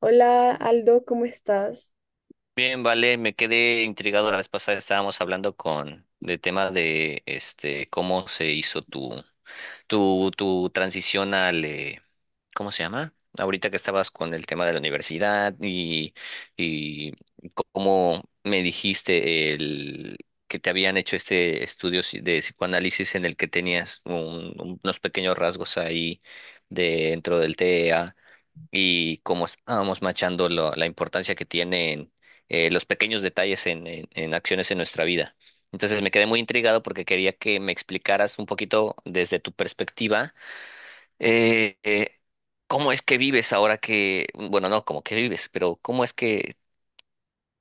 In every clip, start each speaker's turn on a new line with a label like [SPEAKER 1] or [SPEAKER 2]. [SPEAKER 1] Hola Aldo, ¿cómo estás?
[SPEAKER 2] Bien, vale, me quedé intrigado la vez pasada, estábamos hablando con de tema de este cómo se hizo tu tu transición al ¿cómo se llama? Ahorita que estabas con el tema de la universidad y cómo me dijiste el que te habían hecho este estudio de psicoanálisis en el que tenías unos pequeños rasgos ahí dentro del t E a, y como estábamos machando la importancia que tienen los pequeños detalles en acciones en nuestra vida. Entonces me quedé muy intrigado porque quería que me explicaras un poquito desde tu perspectiva, eh, eh, cómo es que vives ahora que, bueno, no como que vives, pero cómo es que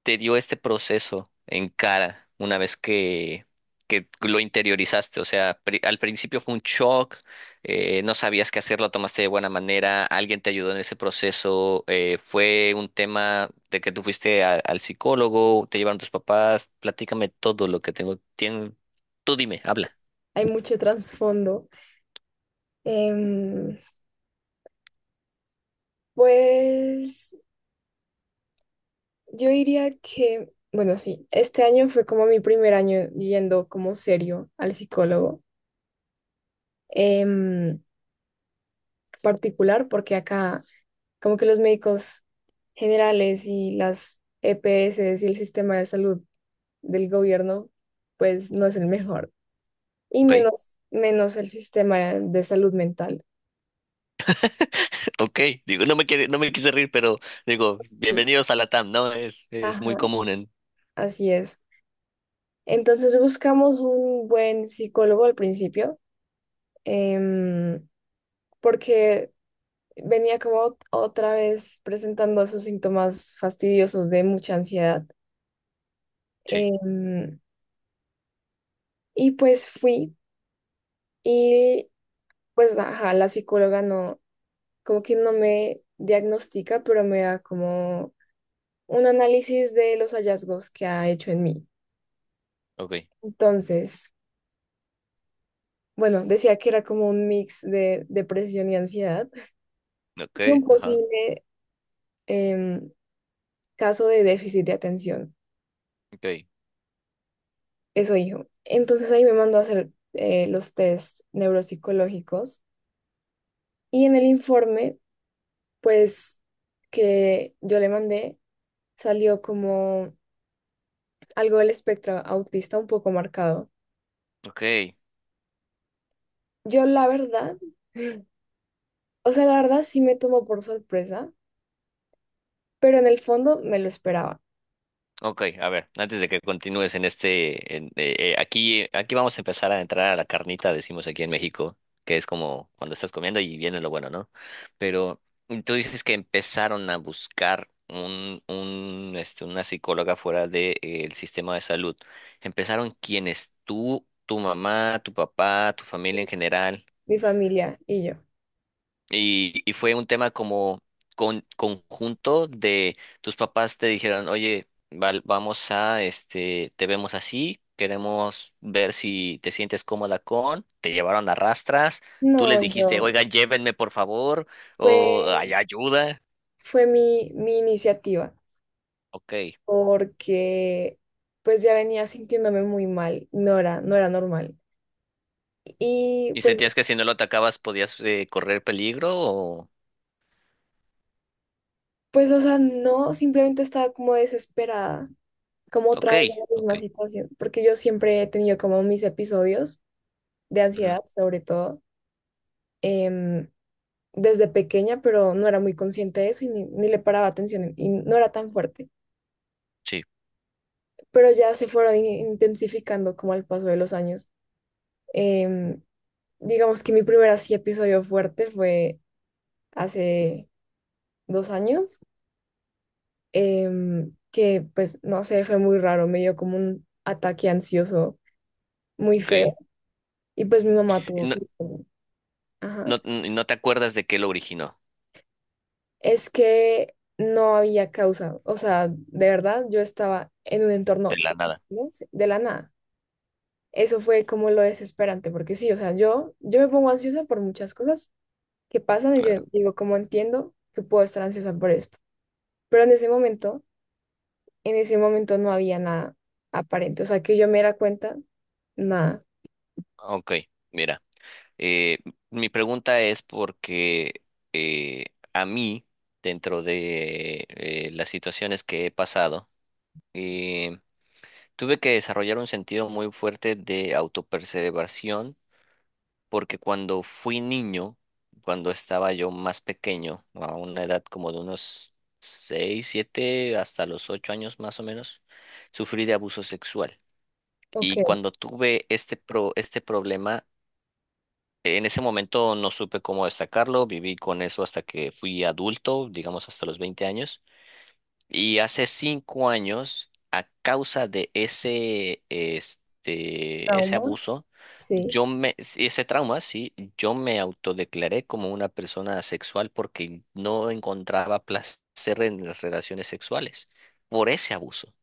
[SPEAKER 2] te dio este proceso en cara una vez que lo interiorizaste. O sea, al principio fue un shock, no sabías qué hacer, lo tomaste de buena manera, alguien te ayudó en ese proceso, fue un tema de que tú fuiste al psicólogo, te llevaron tus papás, platícame todo lo que tengo, tú dime, habla.
[SPEAKER 1] Hay mucho trasfondo. Em, pues yo diría que, bueno, sí, este año fue como mi primer año yendo como serio al psicólogo em, particular, porque acá como que los médicos generales y las EPS y el sistema de salud del gobierno, pues no es el mejor. Y
[SPEAKER 2] Ok.
[SPEAKER 1] menos, menos el sistema de salud mental.
[SPEAKER 2] Ok, digo, no me quiere, no me quise reír, pero digo,
[SPEAKER 1] Sí.
[SPEAKER 2] bienvenidos a la TAM, ¿no? Es muy
[SPEAKER 1] Ajá,
[SPEAKER 2] común en...
[SPEAKER 1] así es. Entonces buscamos un buen psicólogo al principio, em, porque venía como otra vez presentando esos síntomas fastidiosos de mucha ansiedad.
[SPEAKER 2] Sí,
[SPEAKER 1] Em, y pues fui y pues ajá, la psicóloga no, como que no me diagnostica, pero me da como un análisis de los hallazgos que ha hecho en mí.
[SPEAKER 2] ok,
[SPEAKER 1] Entonces, bueno, decía que era como un mix de depresión y ansiedad. Y un
[SPEAKER 2] ok, ajá,
[SPEAKER 1] posible em, caso de déficit de atención.
[SPEAKER 2] ok,
[SPEAKER 1] Eso dijo. Entonces ahí me mandó a hacer los test neuropsicológicos y en el informe, pues que yo le mandé, salió como algo del espectro autista un poco marcado.
[SPEAKER 2] ok.
[SPEAKER 1] Yo la verdad, o sea, la verdad sí me tomó por sorpresa, pero en el fondo me lo esperaba,
[SPEAKER 2] Ok, a ver, antes de que continúes en este, aquí, aquí vamos a empezar a entrar a la carnita, decimos aquí en México, que es como cuando estás comiendo y viene lo bueno, ¿no? Pero tú dices que empezaron a buscar un, este, una psicóloga fuera del sistema de salud. ¿Empezaron quiénes? ¿Tú, tu mamá, tu papá, tu familia en general?
[SPEAKER 1] mi familia y yo.
[SPEAKER 2] Y fue un tema como con, conjunto de tus papás te dijeron, oye, vamos a, este, te vemos así, queremos ver si te sientes cómoda con, te llevaron a rastras,
[SPEAKER 1] No,
[SPEAKER 2] tú les dijiste,
[SPEAKER 1] yo,
[SPEAKER 2] oiga, llévenme por favor, o hay
[SPEAKER 1] fue,
[SPEAKER 2] ayuda,
[SPEAKER 1] fue mi iniciativa.
[SPEAKER 2] ok.
[SPEAKER 1] Porque pues ya venía sintiéndome muy mal, no era, no era normal. Y
[SPEAKER 2] ¿Y
[SPEAKER 1] pues,
[SPEAKER 2] sentías que si no lo atacabas podías correr peligro o...?
[SPEAKER 1] pues, o sea, no, simplemente estaba como desesperada, como otra
[SPEAKER 2] Ok,
[SPEAKER 1] vez en la
[SPEAKER 2] ok,
[SPEAKER 1] misma situación, porque yo siempre he tenido como mis episodios de
[SPEAKER 2] ujú,
[SPEAKER 1] ansiedad, sobre todo, em, desde pequeña, pero no era muy consciente de eso y ni, ni le paraba atención y no era tan fuerte,
[SPEAKER 2] sí,
[SPEAKER 1] pero ya se fueron intensificando como al paso de los años. Em, digamos que mi primer así episodio fuerte fue hace dos años, que pues no sé, fue muy raro, me dio como un ataque ansioso muy
[SPEAKER 2] ok.
[SPEAKER 1] feo
[SPEAKER 2] Y
[SPEAKER 1] y pues mi mamá tuvo
[SPEAKER 2] no,
[SPEAKER 1] que... Ajá.
[SPEAKER 2] no, no te acuerdas de qué lo originó,
[SPEAKER 1] Es que no había causa, o sea, de verdad yo estaba en un
[SPEAKER 2] de
[SPEAKER 1] entorno,
[SPEAKER 2] la nada,
[SPEAKER 1] ¿no? De la nada. Eso fue como lo desesperante, porque sí, o sea, yo me pongo ansiosa por muchas cosas que pasan y yo
[SPEAKER 2] claro.
[SPEAKER 1] digo, como entiendo que puedo estar ansiosa por esto. Pero en ese momento En ese momento no había nada aparente, o sea, que yo me diera cuenta, nada.
[SPEAKER 2] Ok, mira. Eh, mi pregunta es porque eh, a mí, dentro de las situaciones que he pasado, eh, tuve que desarrollar un sentido muy fuerte de autopreservación, porque cuando fui niño, cuando estaba yo más pequeño, a una edad como de unos 6 7 hasta los 8 años más o menos, sufrí de abuso sexual.
[SPEAKER 1] Ok,
[SPEAKER 2] Y cuando tuve este, este problema, en ese momento no supe cómo destacarlo, viví con eso hasta que fui adulto, digamos hasta los 20 años, y hace 5 años, a causa de ese, este, ese
[SPEAKER 1] trauma,
[SPEAKER 2] abuso,
[SPEAKER 1] sí,
[SPEAKER 2] yo me, sí, ese trauma, sí, yo me autodeclaré como una persona asexual porque no encontraba placer en las relaciones sexuales por ese abuso.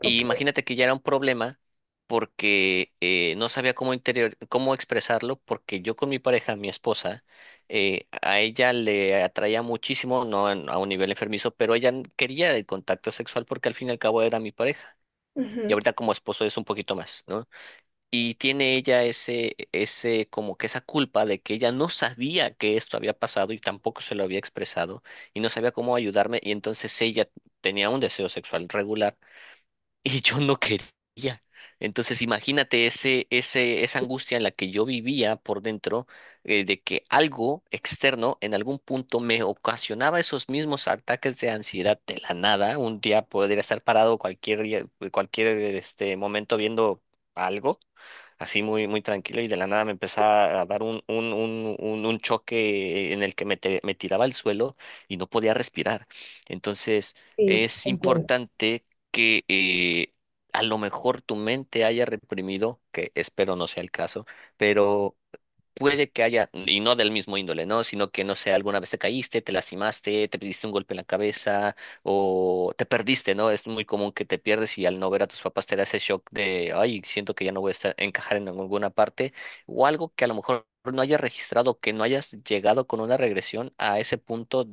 [SPEAKER 2] Y
[SPEAKER 1] ok,
[SPEAKER 2] imagínate que ya era un problema porque no sabía cómo interior, cómo expresarlo, porque yo con mi pareja, mi esposa, a ella le atraía muchísimo, no a un nivel enfermizo, pero ella quería el contacto sexual porque al fin y al cabo era mi pareja. Y
[SPEAKER 1] ujú,
[SPEAKER 2] ahorita como esposo es un poquito más, ¿no? Y tiene ella ese, ese, como que esa culpa de que ella no sabía que esto había pasado y tampoco se lo había expresado y no sabía cómo ayudarme y entonces ella tenía un deseo sexual regular y yo no quería. Entonces, imagínate ese, ese, esa angustia en la que yo vivía por dentro, de que algo externo en algún punto me ocasionaba esos mismos ataques de ansiedad de la nada. Un día podría estar parado cualquier cualquier este momento viendo algo, así muy, muy tranquilo, y de la nada me empezaba a dar un choque en el que me, me tiraba al suelo y no podía respirar. Entonces,
[SPEAKER 1] sí,
[SPEAKER 2] es
[SPEAKER 1] entiendo.
[SPEAKER 2] importante que a lo mejor tu mente haya reprimido, que espero no sea el caso, pero puede que haya, y no del mismo índole, ¿no? Sino que, no sé, alguna vez te caíste, te lastimaste, te diste un golpe en la cabeza o te perdiste, ¿no? Es muy común que te pierdes y al no ver a tus papás te da ese shock de, ay, siento que ya no voy a estar, encajar en alguna parte o algo que a lo mejor no hayas registrado, que no hayas llegado con una regresión a ese punto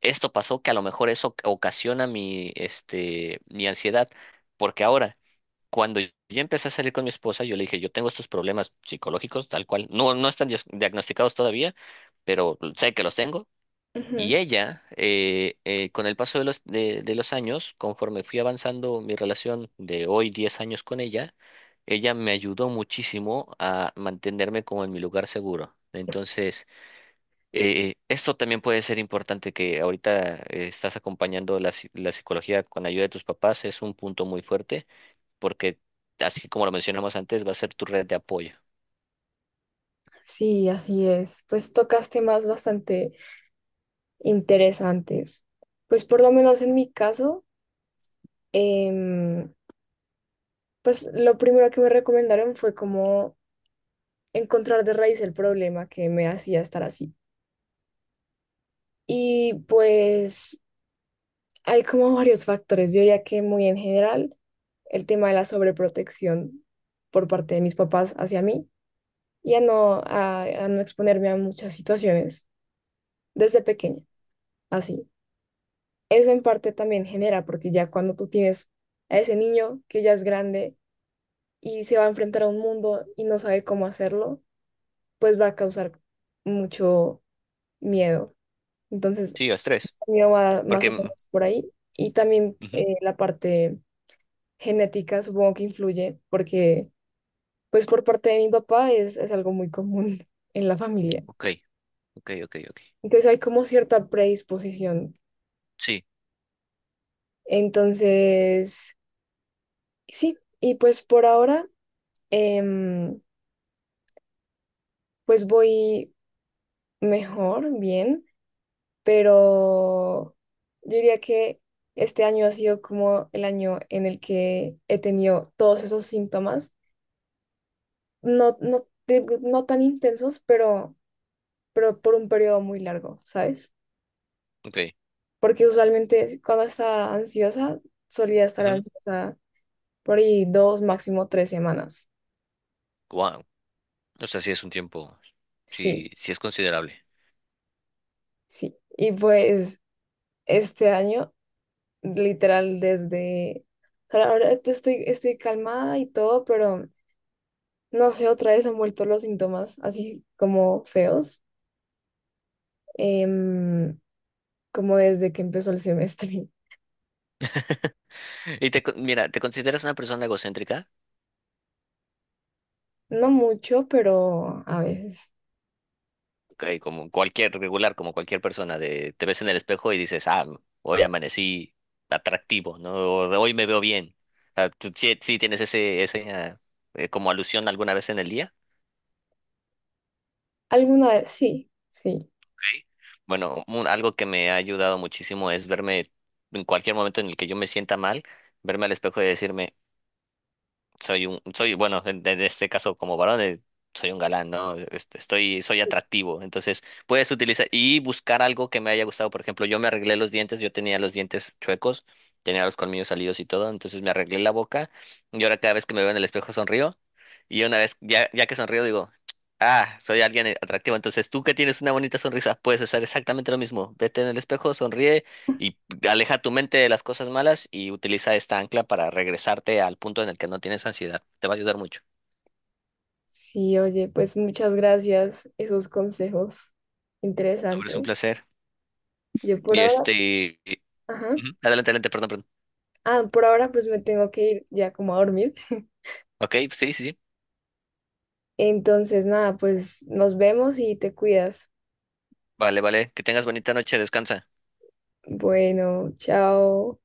[SPEAKER 2] esto pasó que a lo mejor eso ocasiona mi, este, mi ansiedad, porque ahora, cuando yo empecé a salir con mi esposa, yo le dije, yo tengo estos problemas psicológicos, tal cual, no, no están diagnosticados todavía, pero sé que los tengo.
[SPEAKER 1] Ujú.
[SPEAKER 2] Y ella, con el paso de los años, conforme fui avanzando mi relación de hoy 10 años con ella, ella me ayudó muchísimo a mantenerme como en mi lugar seguro. Entonces, esto también puede ser importante que ahorita estás acompañando la, la psicología con ayuda de tus papás, es un punto muy fuerte porque así como lo mencionamos antes, va a ser tu red de apoyo.
[SPEAKER 1] Sí, así es. Pues tocas temas bastante interesantes. Pues por lo menos en mi caso, em, pues lo primero que me recomendaron fue como encontrar de raíz el problema que me hacía estar así. Y pues hay como varios factores, yo diría que muy en general. El tema de la sobreprotección por parte de mis papás hacia mí y a no exponerme a muchas situaciones desde pequeña, así. Eso en parte también genera, porque ya cuando tú tienes a ese niño que ya es grande y se va a enfrentar a un mundo y no sabe cómo hacerlo, pues va a causar mucho miedo. Entonces,
[SPEAKER 2] Sí, los tres.
[SPEAKER 1] mío va más
[SPEAKER 2] Porque...
[SPEAKER 1] o
[SPEAKER 2] mm,
[SPEAKER 1] menos por ahí. Y también
[SPEAKER 2] ujú,
[SPEAKER 1] la parte genética supongo que influye porque pues por parte de mi papá es algo muy común en la familia.
[SPEAKER 2] ok, ok, ok, ok.
[SPEAKER 1] Entonces hay como cierta predisposición.
[SPEAKER 2] Sí,
[SPEAKER 1] Entonces, sí, y pues por ahora, em, pues voy mejor, bien, pero yo diría que este año ha sido como el año en el que he tenido todos esos síntomas, no, no, no tan intensos, pero por un periodo muy largo, ¿sabes?
[SPEAKER 2] ok.
[SPEAKER 1] Porque usualmente cuando estaba ansiosa, solía estar
[SPEAKER 2] Ujú.
[SPEAKER 1] ansiosa por ahí dos, máximo tres semanas.
[SPEAKER 2] Wow. O sea, sí es un tiempo, sí,
[SPEAKER 1] Sí,
[SPEAKER 2] sí es considerable.
[SPEAKER 1] sí. Y pues este año, literal, desde... Ahora ahora estoy, estoy calmada y todo, pero no sé, otra vez han vuelto los síntomas así como feos, em, como desde que empezó el semestre.
[SPEAKER 2] ¿Y te, mira, te consideras una persona egocéntrica?
[SPEAKER 1] No mucho, pero a veces.
[SPEAKER 2] Ok, como cualquier regular, como cualquier persona, de, te ves en el espejo y dices, ah, hoy amanecí atractivo, ¿no? O de hoy me veo bien. O sea, ¿tú sí, sí tienes ese, ese, ah, como alusión alguna vez en el día?
[SPEAKER 1] Alguna vez, sí, sí.
[SPEAKER 2] Ok. Bueno, algo que me ha ayudado muchísimo es verme en cualquier momento en el que yo me sienta mal, verme al espejo y decirme, soy un, soy, bueno, en este caso como varón, soy un galán, ¿no? Estoy, soy atractivo. Entonces, puedes utilizar y buscar algo que me haya gustado. Por ejemplo, yo me arreglé los dientes, yo tenía los dientes chuecos, tenía los colmillos salidos y todo, entonces me arreglé la boca y ahora cada vez que me veo en el espejo sonrío y una vez, ya, ya que sonrío, digo, ah, soy alguien atractivo. Entonces, tú que tienes una bonita sonrisa, puedes hacer exactamente lo mismo. Vete en el espejo, sonríe. Y aleja tu mente de las cosas malas y utiliza esta ancla para regresarte al punto en el que no tienes ansiedad. Te va a ayudar mucho.
[SPEAKER 1] Sí, oye, pues muchas gracias, esos consejos
[SPEAKER 2] No, hombre, es un
[SPEAKER 1] interesantes.
[SPEAKER 2] placer.
[SPEAKER 1] Yo por
[SPEAKER 2] Y este...
[SPEAKER 1] ahora,
[SPEAKER 2] y-
[SPEAKER 1] ajá,
[SPEAKER 2] ujú, adelante, adelante, perdón, perdón.
[SPEAKER 1] ah, por ahora pues me tengo que ir ya como a dormir.
[SPEAKER 2] Ok, sí, sí, sí.
[SPEAKER 1] Entonces, nada, pues nos vemos y te cuidas.
[SPEAKER 2] Vale, vale. Que tengas bonita noche, descansa.
[SPEAKER 1] Bueno, chao.